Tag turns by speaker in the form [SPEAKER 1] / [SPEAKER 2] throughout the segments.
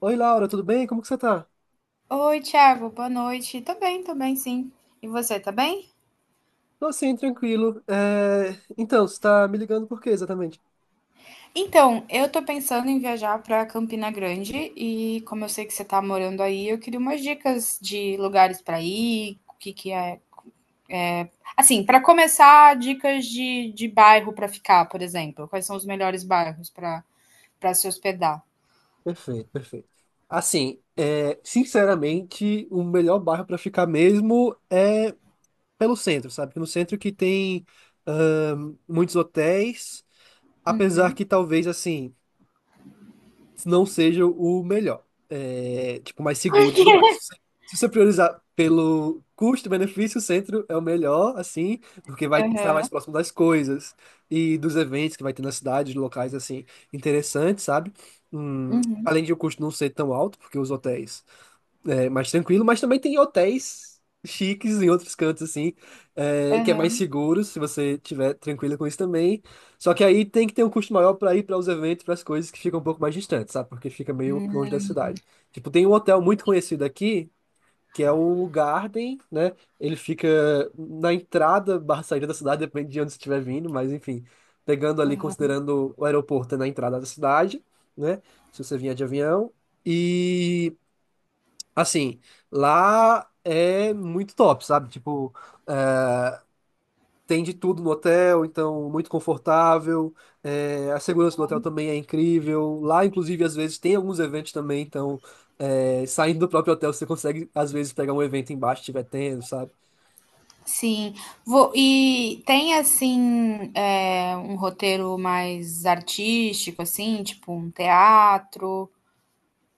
[SPEAKER 1] Oi, Laura, tudo bem? Como que você tá?
[SPEAKER 2] Oi, Thiago, boa noite. Tô bem, sim. E você, tá bem?
[SPEAKER 1] Tô sim, tranquilo. Então, você tá me ligando por quê, exatamente?
[SPEAKER 2] Então, eu tô pensando em viajar pra Campina Grande e como eu sei que você tá morando aí, eu queria umas dicas de lugares pra ir, o que que é. Assim, pra começar, dicas de bairro pra ficar, por exemplo. Quais são os melhores bairros pra para se hospedar?
[SPEAKER 1] Perfeito, perfeito. Assim, sinceramente, o melhor bairro pra ficar mesmo é pelo centro, sabe? Porque no centro que tem muitos hotéis, apesar que
[SPEAKER 2] Uhum.
[SPEAKER 1] talvez, assim, não seja o melhor, tipo, mais
[SPEAKER 2] Por
[SPEAKER 1] seguro e tudo mais.
[SPEAKER 2] quê?
[SPEAKER 1] Se você priorizar pelo custo-benefício, o centro é o melhor, assim, porque vai estar
[SPEAKER 2] Aham.
[SPEAKER 1] mais próximo das coisas e dos eventos que vai ter na cidade, de locais, assim, interessantes, sabe?
[SPEAKER 2] Uhum.
[SPEAKER 1] Além de o custo não ser tão alto, porque os hotéis mais tranquilo, mas também tem hotéis chiques em outros cantos, assim, que é mais
[SPEAKER 2] Aham.
[SPEAKER 1] seguro, se você tiver tranquilo com isso também. Só que aí tem que ter um custo maior para ir para os eventos, para as coisas que ficam um pouco mais distantes, sabe? Porque fica meio longe da cidade. Tipo, tem um hotel muito conhecido aqui, que é o Garden, né? Ele fica na entrada barra saída da cidade, depende de onde você estiver vindo, mas enfim, pegando ali,
[SPEAKER 2] Hum,
[SPEAKER 1] considerando o aeroporto é na entrada da cidade, né? Se você vier de avião. E assim, lá é muito top, sabe? Tipo, é, tem de tudo no hotel, então muito confortável. A segurança do hotel também é incrível. Lá, inclusive, às vezes tem alguns eventos também, então saindo do próprio hotel você consegue, às vezes, pegar um evento embaixo, se tiver tendo, sabe?
[SPEAKER 2] sim, e tem assim um roteiro mais artístico, assim, tipo um teatro.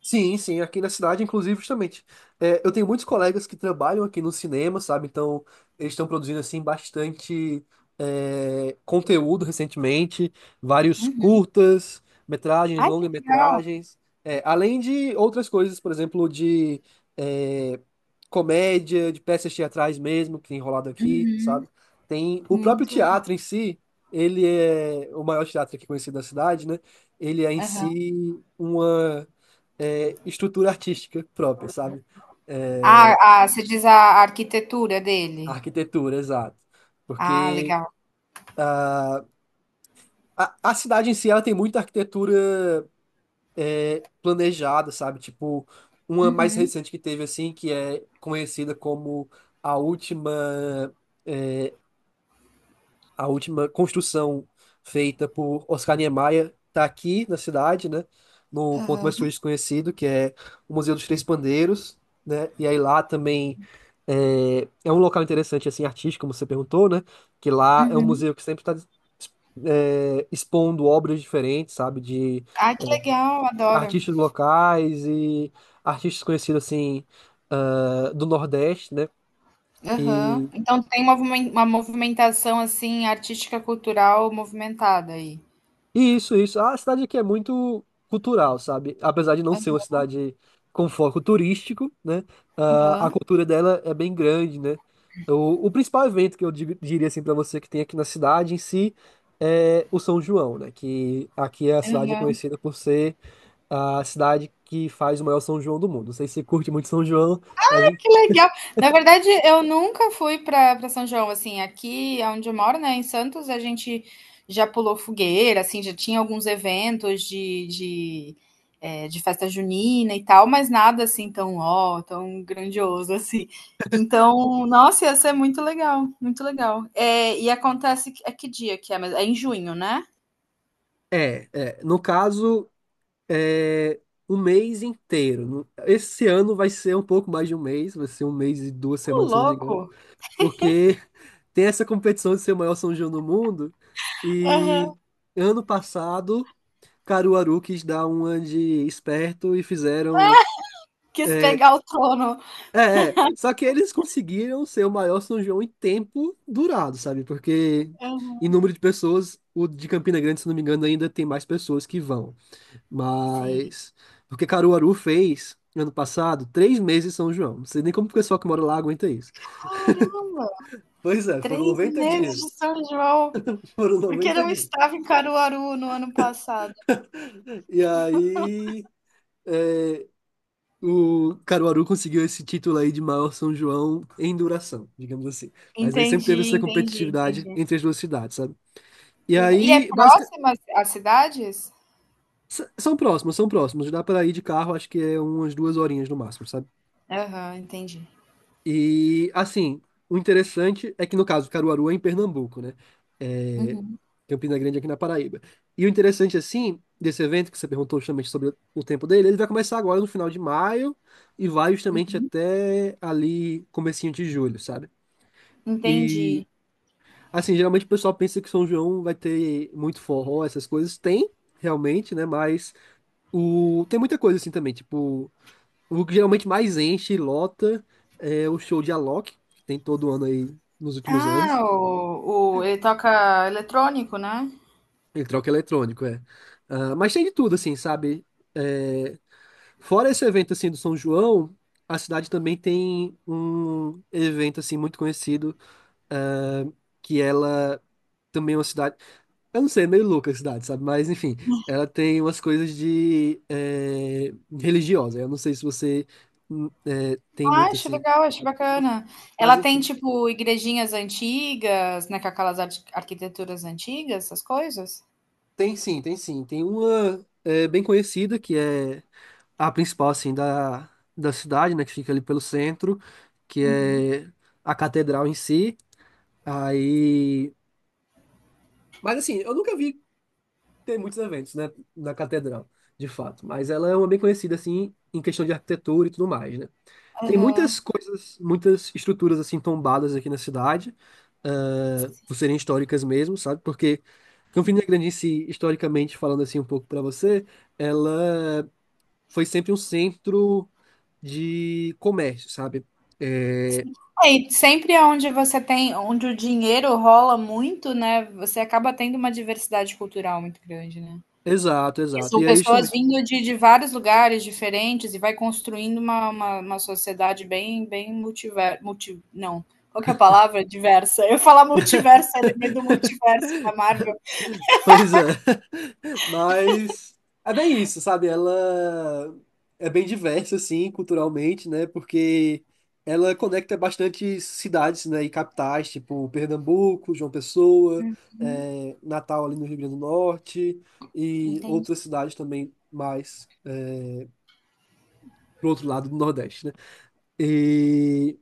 [SPEAKER 1] Sim, sim, aqui na cidade, inclusive, justamente. Eu tenho muitos colegas que trabalham aqui no cinema, sabe? Então, eles estão produzindo, assim, bastante conteúdo recentemente, vários
[SPEAKER 2] Uhum.
[SPEAKER 1] curtas, metragens,
[SPEAKER 2] Ai, que legal!
[SPEAKER 1] longa-metragens, além de outras coisas, por exemplo, de é, comédia, de peças teatrais mesmo, que tem rolado aqui, sabe? Tem o próprio
[SPEAKER 2] Muito legal.
[SPEAKER 1] teatro em si, ele é o maior teatro aqui conhecido da cidade, né? Ele é em
[SPEAKER 2] Aham.
[SPEAKER 1] si uma estrutura artística própria, sabe? É,
[SPEAKER 2] Ah, você diz a arquitetura dele.
[SPEAKER 1] arquitetura, exato.
[SPEAKER 2] Ah,
[SPEAKER 1] Porque
[SPEAKER 2] legal.
[SPEAKER 1] a cidade em si, ela tem muita arquitetura planejada, sabe? Tipo, uma mais
[SPEAKER 2] Uhum.
[SPEAKER 1] recente que teve, assim, que é conhecida como a última é, a última construção feita por Oscar Niemeyer está aqui na cidade, né? No ponto mais
[SPEAKER 2] Aham.
[SPEAKER 1] turístico conhecido, que é o Museu dos Três Pandeiros, né? E aí lá também é um local interessante, assim, artístico, como você perguntou, né? Que lá é um
[SPEAKER 2] Uhum.
[SPEAKER 1] museu que sempre está expondo obras diferentes, sabe? De
[SPEAKER 2] Ai,
[SPEAKER 1] é,
[SPEAKER 2] que legal, adoro.
[SPEAKER 1] artistas locais e artistas conhecidos, assim, ah, do Nordeste, né?
[SPEAKER 2] Aham.
[SPEAKER 1] e
[SPEAKER 2] Então tem uma, uma movimentação assim, artística, cultural movimentada aí.
[SPEAKER 1] Isso, isso. A cidade aqui é muito cultural, sabe? Apesar de não ser uma cidade com foco turístico, né? Ah, a
[SPEAKER 2] Aham.
[SPEAKER 1] cultura dela é bem grande, né? O principal evento que eu diria assim para você que tem aqui na cidade em si é o São João, né? Que aqui a cidade é
[SPEAKER 2] Aham.
[SPEAKER 1] conhecida por ser a cidade que faz o maior São João do mundo. Não sei se você curte muito São João, mas
[SPEAKER 2] Que legal. Na verdade, eu nunca fui para São João, assim, aqui aonde eu moro, né, em Santos, a gente já pulou fogueira, assim, já tinha alguns eventos de festa junina e tal, mas nada assim tão, ó, tão grandioso assim. Então, nossa, ia ser muito legal, muito legal. É e é que dia que é mesmo? É em junho, né?
[SPEAKER 1] é, é. No caso, é, o mês inteiro. Esse ano vai ser um pouco mais de um mês, vai ser um mês e duas
[SPEAKER 2] Ô
[SPEAKER 1] semanas, se eu não me
[SPEAKER 2] louco!
[SPEAKER 1] engano, porque tem essa competição de ser o maior São João do mundo.
[SPEAKER 2] Aham.
[SPEAKER 1] E ano passado, Caruaru quis dar uma de esperto e fizeram.
[SPEAKER 2] Quis
[SPEAKER 1] É,
[SPEAKER 2] pegar o trono.
[SPEAKER 1] é, é. Só que eles conseguiram ser o maior São João em tempo durado, sabe? Porque em
[SPEAKER 2] Aham.
[SPEAKER 1] número de pessoas, o de Campina Grande, se não me engano, ainda tem mais pessoas que vão.
[SPEAKER 2] Sim.
[SPEAKER 1] Mas. Porque Caruaru fez, ano passado, 3 meses em São João. Não sei nem como o pessoal que mora lá aguenta isso.
[SPEAKER 2] Caramba,
[SPEAKER 1] Pois é, foram
[SPEAKER 2] três
[SPEAKER 1] 90
[SPEAKER 2] meses de
[SPEAKER 1] dias.
[SPEAKER 2] São João.
[SPEAKER 1] Foram
[SPEAKER 2] Porque
[SPEAKER 1] 90
[SPEAKER 2] não
[SPEAKER 1] dias.
[SPEAKER 2] estava em Caruaru no ano passado.
[SPEAKER 1] E aí. é, O Caruaru conseguiu esse título aí de maior São João em duração, digamos assim. Mas aí sempre teve
[SPEAKER 2] Entendi,
[SPEAKER 1] essa
[SPEAKER 2] entendi,
[SPEAKER 1] competitividade
[SPEAKER 2] entendi.
[SPEAKER 1] entre as duas cidades, sabe? E
[SPEAKER 2] Que legal. E é
[SPEAKER 1] aí, basicamente.
[SPEAKER 2] próxima às cidades?
[SPEAKER 1] São próximos, são próximos. Dá para ir de carro, acho que é umas duas horinhas no máximo, sabe?
[SPEAKER 2] Aham, entendi.
[SPEAKER 1] E, assim, o interessante é que, no caso, Caruaru é em Pernambuco, né? É,
[SPEAKER 2] Uhum,
[SPEAKER 1] Campina Grande é aqui na Paraíba. E o interessante, assim, desse evento que você perguntou justamente sobre o tempo dele, ele vai começar agora no final de maio e vai justamente até ali, comecinho de julho, sabe? E,
[SPEAKER 2] entendi.
[SPEAKER 1] assim, geralmente o pessoal pensa que São João vai ter muito forró, essas coisas. Tem, realmente, né? Mas o... tem muita coisa, assim, também. Tipo, o que geralmente mais enche e lota é o show de Alok, que tem todo ano aí nos últimos
[SPEAKER 2] Ah,
[SPEAKER 1] anos.
[SPEAKER 2] ele toca eletrônico, né?
[SPEAKER 1] Ele troca eletrônico, é. Ah, mas tem de tudo, assim, sabe? É, fora esse evento, assim, do São João, a cidade também tem um evento, assim, muito conhecido, ah, que ela também é uma cidade... Eu não sei, é meio louca a cidade, sabe? Mas, enfim, ela tem umas coisas de... eh, religiosa. Eu não sei se você tem
[SPEAKER 2] Ah,
[SPEAKER 1] muito,
[SPEAKER 2] acho
[SPEAKER 1] assim...
[SPEAKER 2] legal, acho bacana.
[SPEAKER 1] Mas,
[SPEAKER 2] Ela tem,
[SPEAKER 1] enfim...
[SPEAKER 2] tipo, igrejinhas antigas, né? Com aquelas arquiteturas antigas, essas coisas?
[SPEAKER 1] Tem sim, tem sim. Tem uma bem conhecida, que é a principal, assim, da cidade, né? Que fica ali pelo centro, que
[SPEAKER 2] Uhum.
[SPEAKER 1] é a catedral em si. Aí... Mas, assim, eu nunca vi ter muitos eventos, né? Na catedral, de fato. Mas ela é uma bem conhecida, assim, em questão de arquitetura e tudo mais, né? Tem
[SPEAKER 2] Aham.
[SPEAKER 1] muitas coisas, muitas estruturas assim tombadas aqui na cidade, ah, por serem históricas mesmo, sabe? Porque Campina Grande em si, historicamente falando assim um pouco para você, ela foi sempre um centro de comércio, sabe? É,
[SPEAKER 2] É, e sempre é onde você tem, onde o dinheiro rola muito, né? Você acaba tendo uma diversidade cultural muito grande, né?
[SPEAKER 1] exato,
[SPEAKER 2] Porque
[SPEAKER 1] exato.
[SPEAKER 2] são
[SPEAKER 1] E aí,
[SPEAKER 2] pessoas
[SPEAKER 1] justamente,
[SPEAKER 2] vindo de vários lugares diferentes e vai construindo uma sociedade bem, bem multiver, multi, não, qual que é a palavra? Diversa. Eu ia falar multiverso, eu lembrei do multiverso da Marvel.
[SPEAKER 1] pois é. Mas é bem isso, sabe? Ela é bem diversa, assim, culturalmente, né? Porque ela conecta bastante cidades, né? E capitais, tipo Pernambuco, João Pessoa, é, Natal ali no Rio Grande do Norte e
[SPEAKER 2] Entendi.
[SPEAKER 1] outras cidades também mais pro outro lado do Nordeste, né? E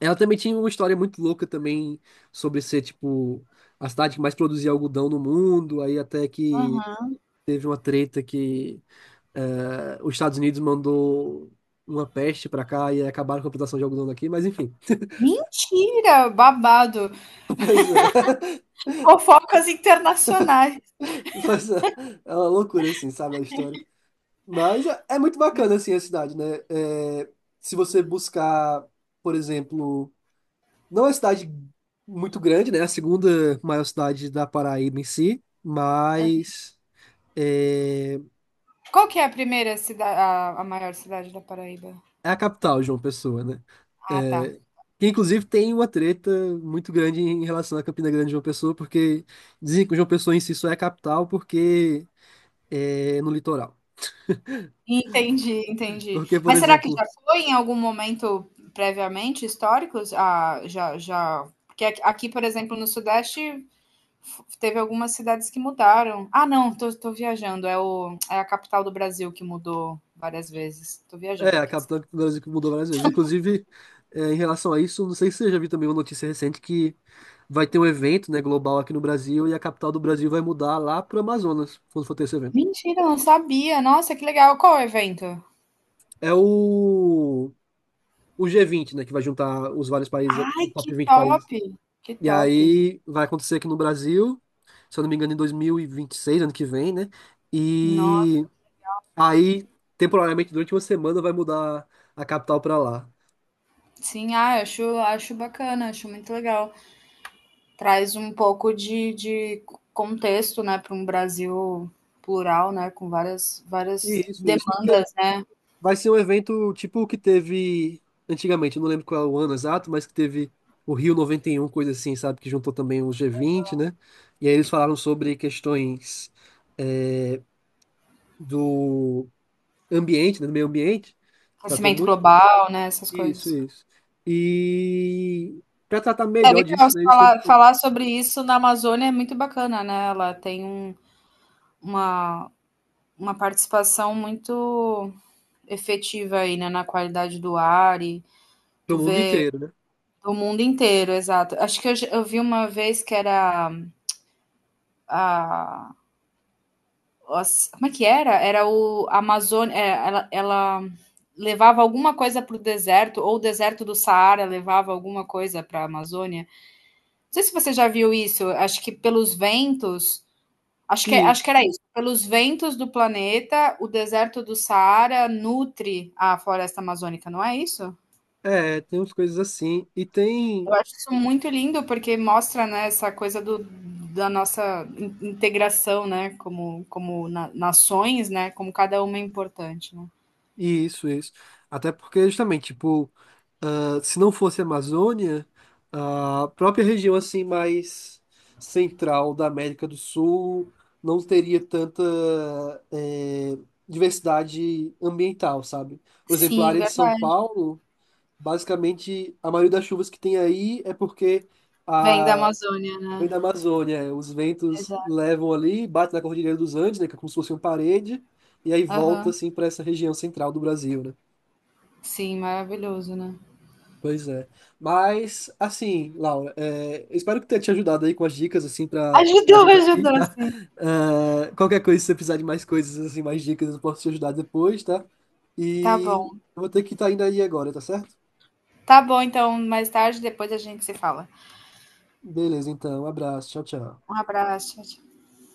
[SPEAKER 1] ela também tinha uma história muito louca também sobre ser, tipo, a cidade que mais produzia algodão no mundo, aí até que
[SPEAKER 2] Aham.
[SPEAKER 1] teve uma treta que os Estados Unidos mandou uma peste pra cá e aí acabaram com a plantação de algodão daqui, mas enfim.
[SPEAKER 2] Mentira, babado.
[SPEAKER 1] Pois é,
[SPEAKER 2] Fofocas internacionais.
[SPEAKER 1] pois é, é uma loucura assim, sabe a história. Mas é muito bacana assim a cidade, né? Se você buscar, por exemplo, não é uma cidade muito grande, né? A segunda maior cidade da Paraíba em si, mas é,
[SPEAKER 2] Qual que é a primeira cidade, a maior cidade da Paraíba?
[SPEAKER 1] é a capital, João Pessoa, né?
[SPEAKER 2] Ah, tá.
[SPEAKER 1] É, que inclusive tem uma treta muito grande em relação à Campina Grande e João Pessoa, porque dizem que João Pessoa em si só é a capital porque é no litoral.
[SPEAKER 2] Entendi, entendi.
[SPEAKER 1] Porque, por
[SPEAKER 2] Mas será que já
[SPEAKER 1] exemplo,
[SPEAKER 2] foi em algum momento previamente históricos? Ah, já porque aqui, por exemplo, no Sudeste f teve algumas cidades que mudaram. Ah, não, tô viajando, é o é a capital do Brasil que mudou várias vezes. Tô
[SPEAKER 1] é
[SPEAKER 2] viajando
[SPEAKER 1] a
[SPEAKER 2] aqui.
[SPEAKER 1] capital do Brasil que mudou várias vezes. Inclusive, em relação a isso, não sei se você já viu também uma notícia recente que vai ter um evento, né, global aqui no Brasil e a capital do Brasil vai mudar lá para o Amazonas, quando for ter esse evento.
[SPEAKER 2] Mentira, não sabia. Nossa, que legal. Qual é o evento?
[SPEAKER 1] É o, G20, né, que vai juntar os vários países,
[SPEAKER 2] Ai,
[SPEAKER 1] o
[SPEAKER 2] que
[SPEAKER 1] top 20
[SPEAKER 2] top,
[SPEAKER 1] países.
[SPEAKER 2] que
[SPEAKER 1] E
[SPEAKER 2] top.
[SPEAKER 1] aí vai acontecer aqui no Brasil, se eu não me engano, em 2026, ano que vem, né? E
[SPEAKER 2] Nossa,
[SPEAKER 1] aí, temporariamente, durante uma semana, vai mudar a capital para lá.
[SPEAKER 2] sim, ah, acho bacana, acho muito legal. Traz um pouco de contexto, né, para um Brasil plural, né, com várias,
[SPEAKER 1] E
[SPEAKER 2] várias
[SPEAKER 1] isso, porque
[SPEAKER 2] demandas, né,
[SPEAKER 1] vai ser um evento tipo o que teve antigamente, eu não lembro qual é o ano exato, mas que teve o Rio 91, coisa assim, sabe? Que juntou também o G20, né? E aí eles falaram sobre questões eh, do ambiente, né? Do meio ambiente. Tratou
[SPEAKER 2] aquecimento global, né, essas
[SPEAKER 1] isso,
[SPEAKER 2] coisas.
[SPEAKER 1] isso. E para tratar
[SPEAKER 2] É
[SPEAKER 1] melhor
[SPEAKER 2] legal
[SPEAKER 1] disso, né, eles têm
[SPEAKER 2] falar, falar sobre isso na Amazônia é muito bacana, né? Ela tem um, uma, uma participação muito efetiva aí, né, na qualidade do ar e
[SPEAKER 1] pro
[SPEAKER 2] tu
[SPEAKER 1] mundo
[SPEAKER 2] vê
[SPEAKER 1] inteiro, né?
[SPEAKER 2] o mundo inteiro, exato. Acho que eu vi uma vez que era a como é que era? Era o Amazônia, é, ela levava alguma coisa para o deserto, ou o deserto do Saara levava alguma coisa para a Amazônia. Não sei se você já viu isso, acho que pelos ventos, acho
[SPEAKER 1] Isso.
[SPEAKER 2] que era isso, pelos ventos do planeta, o deserto do Saara nutre a floresta amazônica, não é isso?
[SPEAKER 1] É, tem umas coisas assim. E tem.
[SPEAKER 2] Eu acho isso muito lindo, porque mostra, né, essa coisa do, da nossa integração, né, como, nações, né, como cada uma é importante, né?
[SPEAKER 1] Isso, isso. Até porque, justamente, tipo, ah, se não fosse a Amazônia, a própria região assim mais central da América do Sul não teria tanta eh, diversidade ambiental, sabe? Por exemplo, a
[SPEAKER 2] Sim,
[SPEAKER 1] área de São
[SPEAKER 2] verdade.
[SPEAKER 1] Paulo. Basicamente, a maioria das chuvas que tem aí é porque
[SPEAKER 2] Vem da
[SPEAKER 1] a...
[SPEAKER 2] Amazônia,
[SPEAKER 1] vem
[SPEAKER 2] né.
[SPEAKER 1] da Amazônia. Os ventos
[SPEAKER 2] Exato.
[SPEAKER 1] levam ali, bate na Cordilheira dos Andes, né, que é como se fosse uma parede, e aí volta
[SPEAKER 2] Aham.
[SPEAKER 1] assim para essa região central do Brasil, né?
[SPEAKER 2] Sim, maravilhoso, né.
[SPEAKER 1] Pois é. Mas, assim, Laura, eu espero que tenha te ajudado aí com as dicas, assim, para
[SPEAKER 2] Ajudou,
[SPEAKER 1] viagem daqui,
[SPEAKER 2] ajudou
[SPEAKER 1] tá?
[SPEAKER 2] sim.
[SPEAKER 1] Qualquer coisa, se você precisar de mais coisas, assim, mais dicas, eu posso te ajudar depois, tá?
[SPEAKER 2] Tá bom.
[SPEAKER 1] E eu vou ter que estar indo aí agora, tá certo?
[SPEAKER 2] Tá bom então, mais tarde depois a gente se fala.
[SPEAKER 1] Beleza, então. Um abraço. Tchau, tchau.
[SPEAKER 2] Um abraço,